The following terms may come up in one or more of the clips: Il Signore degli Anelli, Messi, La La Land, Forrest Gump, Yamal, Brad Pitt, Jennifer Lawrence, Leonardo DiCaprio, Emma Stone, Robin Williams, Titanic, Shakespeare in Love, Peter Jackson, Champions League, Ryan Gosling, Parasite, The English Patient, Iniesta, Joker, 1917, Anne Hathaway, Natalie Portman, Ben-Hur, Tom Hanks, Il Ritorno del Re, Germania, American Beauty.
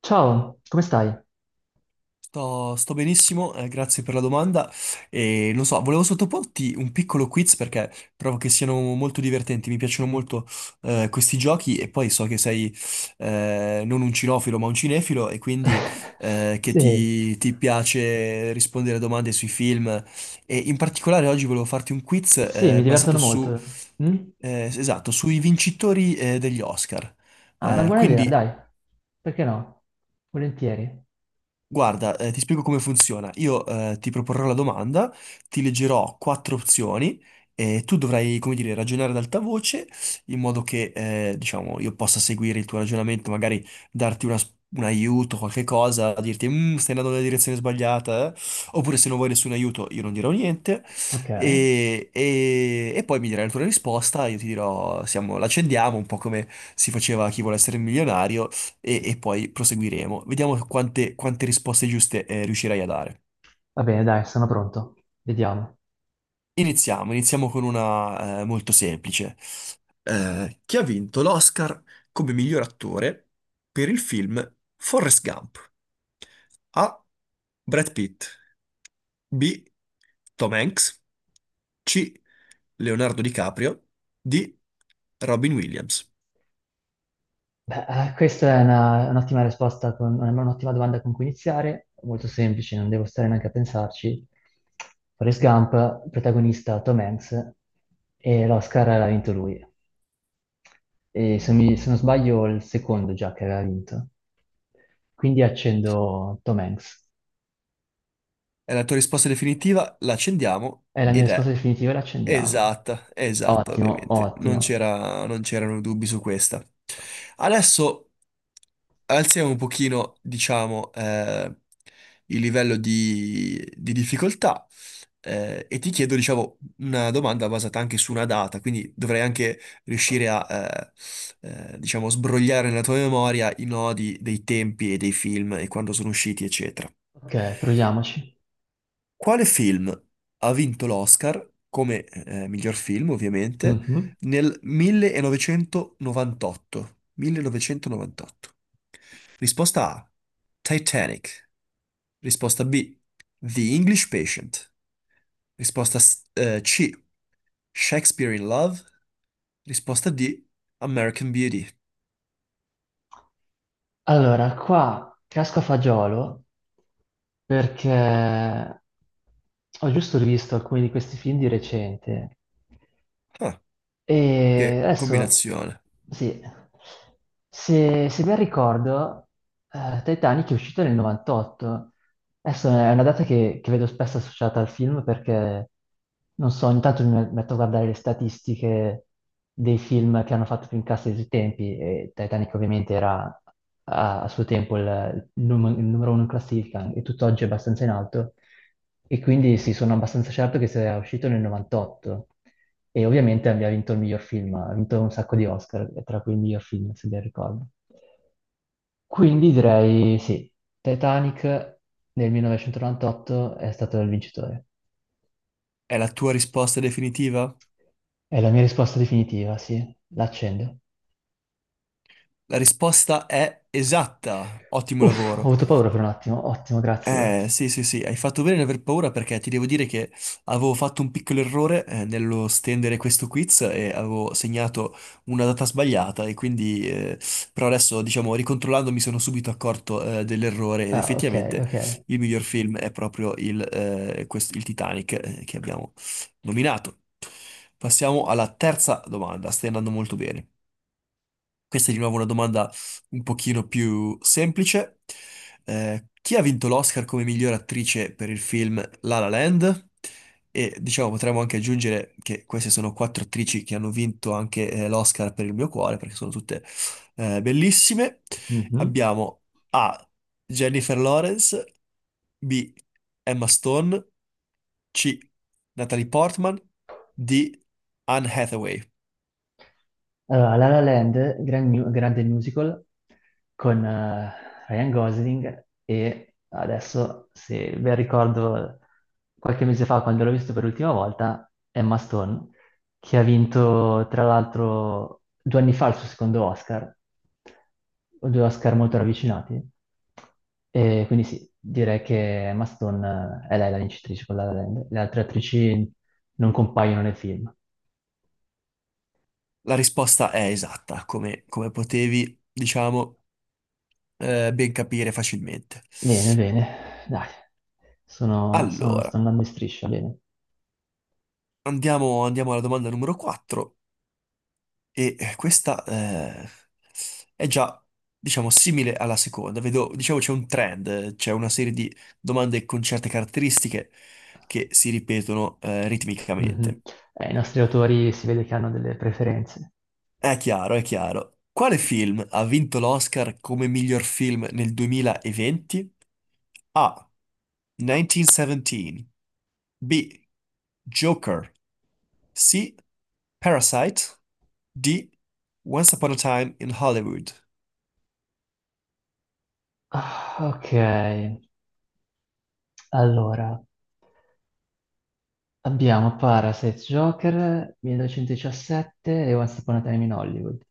Ciao, come stai? Sto benissimo, grazie per la domanda. E non so, volevo sottoporti un piccolo quiz perché trovo che siano molto divertenti, mi piacciono molto questi giochi e poi so che sei non un cinofilo ma un cinefilo e quindi che Sì, ti piace rispondere a domande sui film e in particolare oggi volevo farti un quiz sì, mi basato divertono su, molto. Mm? eh, esatto, sui vincitori degli Oscar. Ah, è una Eh, buona idea, quindi dai, perché no? Volentieri. Guarda, ti spiego come funziona. Io ti proporrò la domanda, ti leggerò quattro opzioni e tu dovrai, come dire, ragionare ad alta voce in modo che, diciamo, io possa seguire il tuo ragionamento, magari darti un aiuto, qualche cosa, dirti, "Mm, stai andando nella direzione sbagliata, eh?" Oppure se non vuoi nessun aiuto io non dirò niente Ok, e poi mi dirai la tua risposta, io ti dirò, siamo, l'accendiamo, un po' come si faceva a Chi vuole essere milionario e poi proseguiremo. Vediamo quante risposte giuste riuscirai a dare. va bene, dai, sono pronto. Vediamo. Iniziamo, iniziamo con una molto semplice. Chi ha vinto l'Oscar come miglior attore per il film Forrest Gump? A. Brad Pitt. B. Tom Hanks. C. Leonardo DiCaprio. D. Robin Williams. Beh, questa è un'ottima risposta, con, un'ottima domanda con cui iniziare, molto semplice, non devo stare neanche a pensarci. Forrest Gump, protagonista Tom Hanks, e l'Oscar l'ha vinto lui. E se, se non sbaglio, il secondo già che aveva vinto. Quindi accendo Tom Hanks. È la tua risposta definitiva, la accendiamo È la mia ed risposta è definitiva, la accendiamo. esatta, è esatta Ottimo, ovviamente. Ottimo. Non c'erano dubbi su questa. Adesso alziamo un pochino, diciamo, il livello di difficoltà e ti chiedo, diciamo, una domanda basata anche su una data, quindi dovrei anche riuscire a, diciamo, sbrogliare nella tua memoria i nodi dei tempi e dei film e quando sono usciti, eccetera. Ok, proviamoci. Quale film ha vinto l'Oscar come miglior film, ovviamente, Mhm. nel 1998? 1998. Risposta A. Titanic. Risposta B. The English Patient. Risposta C. Shakespeare in Love. Risposta D. American Beauty. Allora, qua casco a fagiolo perché ho giusto rivisto alcuni di questi film di recente. Ah, E che adesso, combinazione. sì, se ben ricordo, Titanic è uscito nel 98. Adesso è una data che vedo spesso associata al film perché, non so, ogni tanto mi metto a guardare le statistiche dei film che hanno fatto più incassi di tutti i tempi, e Titanic ovviamente era a suo tempo il numero uno in classifica, e tutt'oggi è abbastanza in alto. E quindi sì, sono abbastanza certo che sia uscito nel 98. E ovviamente abbiamo vinto il miglior film, ha vinto un sacco di Oscar, tra cui il miglior film, se ben ricordo. Quindi direi sì, Titanic nel 1998 è stato il vincitore. È la tua risposta definitiva? È la mia risposta definitiva, sì, l'accendo. La risposta è esatta. Ottimo Uff, ho lavoro. avuto paura per un attimo. Ottimo, grazie, grazie. Sì, sì, sì, hai fatto bene ad aver paura perché ti devo dire che avevo fatto un piccolo errore nello stendere questo quiz e avevo segnato una data sbagliata e quindi, però adesso, diciamo, ricontrollando mi sono subito accorto dell'errore ed Ah, ok, effettivamente ok. il miglior film è proprio il Titanic che abbiamo nominato. Passiamo alla terza domanda, stai andando molto bene. Questa è di nuovo una domanda un pochino più semplice. Chi ha vinto l'Oscar come miglior attrice per il film La La Land? E diciamo, potremmo anche aggiungere che queste sono quattro attrici che hanno vinto anche l'Oscar per il mio cuore, perché sono tutte bellissime. Mhm. Abbiamo A. Jennifer Lawrence, B. Emma Stone, C. Natalie Portman, D. Anne Hathaway. Allora, La La Land, grande musical con Ryan Gosling, e adesso, se ben ricordo, qualche mese fa quando l'ho visto per l'ultima volta, Emma Stone, che ha vinto tra l'altro due anni fa il suo secondo Oscar, o due Oscar molto ravvicinati. E quindi sì, direi che Emma Stone è lei la vincitrice con La La Land, le altre attrici non compaiono nel film. La risposta è esatta, come, come potevi, diciamo, ben capire facilmente. Bene, bene, dai, sto Allora, andando in striscia, bene. andiamo alla domanda numero 4 e questa è già, diciamo, simile alla seconda. Vedo, diciamo, c'è un trend, c'è una serie di domande con certe caratteristiche che si ripetono Mhm. ritmicamente. I nostri autori si vede che hanno delle preferenze. È chiaro, è chiaro. Quale film ha vinto l'Oscar come miglior film nel 2020? A. 1917. B. Joker. C. Parasite. D. Once Upon a Time in Hollywood. Ah, ok, allora, abbiamo Parasite, Joker, 1917 e Once Upon a Time in Hollywood.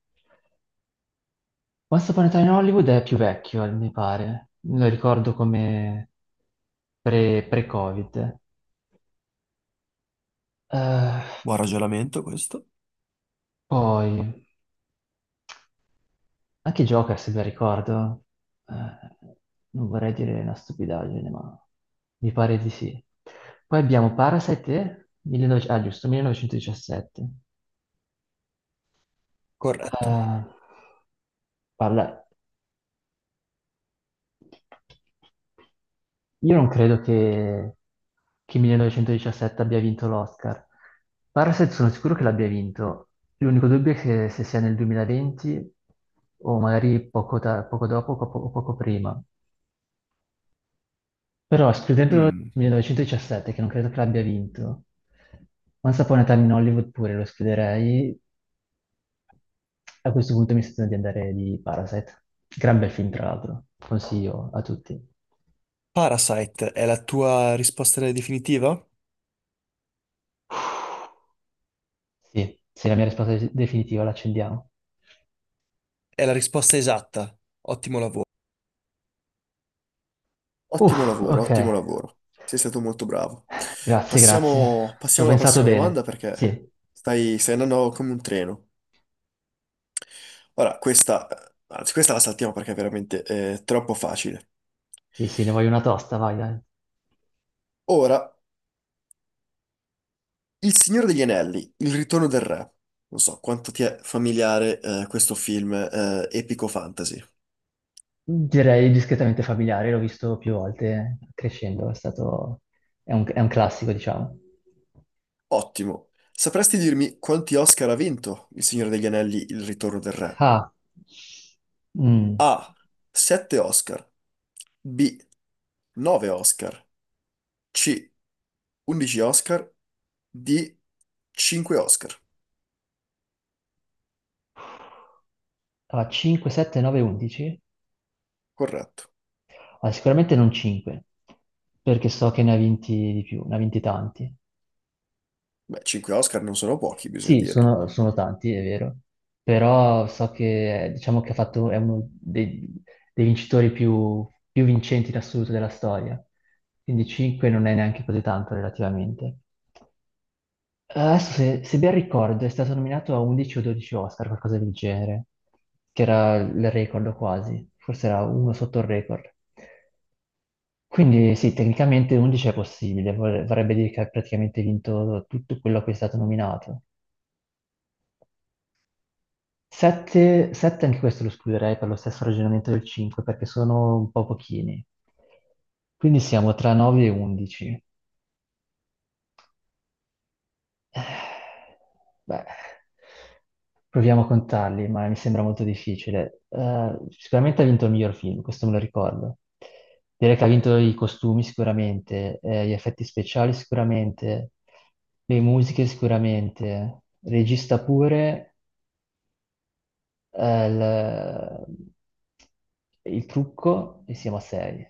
Once Upon a Time in Hollywood è più vecchio, mi pare. Lo ricordo come pre- covid Eh, Buon ragionamento questo. poi, a chi gioca, se ben ricordo? Eh, non vorrei dire una stupidaggine, ma mi pare di sì. Poi abbiamo Parasite, ah, giusto, 1917. Corretto. Eh, parla... Io non credo che 1917 abbia vinto l'Oscar. Parasite sono sicuro che l'abbia vinto. L'unico dubbio è che se sia nel 2020 o magari poco dopo o o poco prima. Però escludendo il Mm. 1917, che non credo che l'abbia vinto, Once Upon a Time in Hollywood pure lo escluderei. A questo punto mi sento di andare di Parasite. Gran bel film, tra l'altro. Consiglio a tutti. Parasite è la tua risposta definitiva? Sì, sì, la mia risposta è definitiva, l'accendiamo. È la risposta esatta. Ottimo lavoro. Uff, Ottimo lavoro, ok. ottimo lavoro. Sei stato molto bravo. Grazie, grazie. Passiamo, Ci ho passiamo alla pensato prossima domanda bene. perché Sì, stai, stai andando come un treno. Ora, questa, anzi, questa la saltiamo perché è veramente troppo facile. sì, sì, ne voglio una tosta, vai, dai. Ora, Il Signore degli Anelli, Il Ritorno del Re. Non so quanto ti è familiare questo film epico fantasy. Direi discretamente familiare, l'ho visto più volte crescendo, è stato... è un classico, diciamo. Ottimo. Sapresti dirmi quanti Oscar ha vinto Il Signore degli Anelli, Il Ritorno del Re? Ah, mm. A. 7 Oscar. B. 9 Oscar. C. 11 Oscar. D. 5 Oscar. Allora, 5, 7, 9, 11? Corretto. Allora, sicuramente non 5, perché so che ne ha vinti di più, ne ha vinti tanti. Beh, 5 Oscar non sono pochi, bisogna Sì, dirlo. Sono tanti, è vero, però so che diciamo che ha fatto, è uno dei vincitori più vincenti in assoluto della storia, quindi 5 non è neanche così tanto relativamente. Adesso, se ben ricordo, è stato nominato a 11 o 12 Oscar, qualcosa del genere, che era il record quasi, forse era uno sotto il record. Quindi sì, tecnicamente 11 è possibile, vorrebbe dire che ha praticamente vinto tutto quello a cui è stato nominato. 7 anche questo lo escluderei per lo stesso ragionamento del 5, perché sono un po' pochini. Quindi siamo tra 9 e 11. Eh, Beh, proviamo a contarli, ma mi sembra molto difficile. Sicuramente ha vinto il miglior film, questo me lo ricordo. Direi che ha vinto i costumi sicuramente, gli effetti speciali sicuramente, le musiche sicuramente, regista pure, eh, il, il trucco e siamo a sei.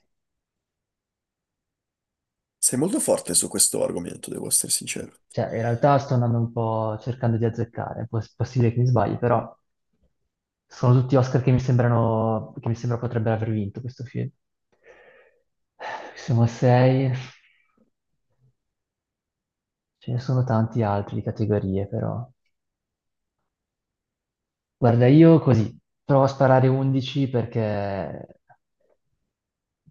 Sei molto forte su questo argomento, devo essere sincero. Cioè, in realtà sto andando un po' cercando di azzeccare, possibile che mi sbagli, però sono tutti Oscar che mi sembrano, che mi sembra potrebbero aver vinto questo film. Siamo a sei, ce ne sono tanti altri di categorie, però. Guarda, io così, provo a sparare 11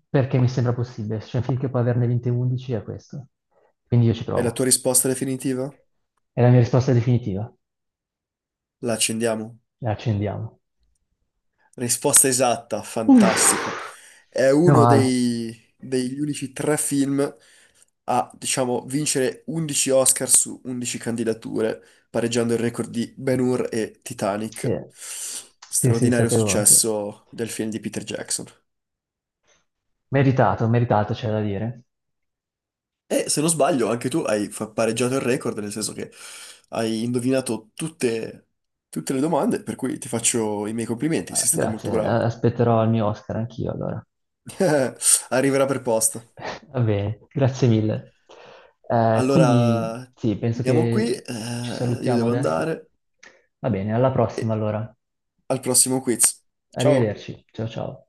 perché mi sembra possibile. Se c'è un film che può averne vinte 11 è questo. Quindi io ci È la tua provo. risposta definitiva? È la mia risposta definitiva. La accendiamo? La accendiamo. Risposta esatta, fantastico. Uff, È meno uno male. dei- degli unici tre film a, diciamo, vincere 11 Oscar su 11 candidature, pareggiando il record di Ben-Hur e Sì, Titanic. sì, sì, Straordinario sapevo, sì. successo del film di Peter Jackson. Meritato, meritato, c'è da dire. E se non sbaglio, anche tu hai pareggiato il record, nel senso che hai indovinato tutte, tutte le domande, per cui ti faccio i miei complimenti, Ah, sei stato grazie, molto bravo. aspetterò il mio Oscar anch'io allora. Arriverà per posto. Va bene, grazie mille. Quindi Allora, sì, penso finiamo qui, che ci io salutiamo devo adesso. andare Va bene, alla prossima e allora. al prossimo quiz. Ciao! Arrivederci, ciao ciao.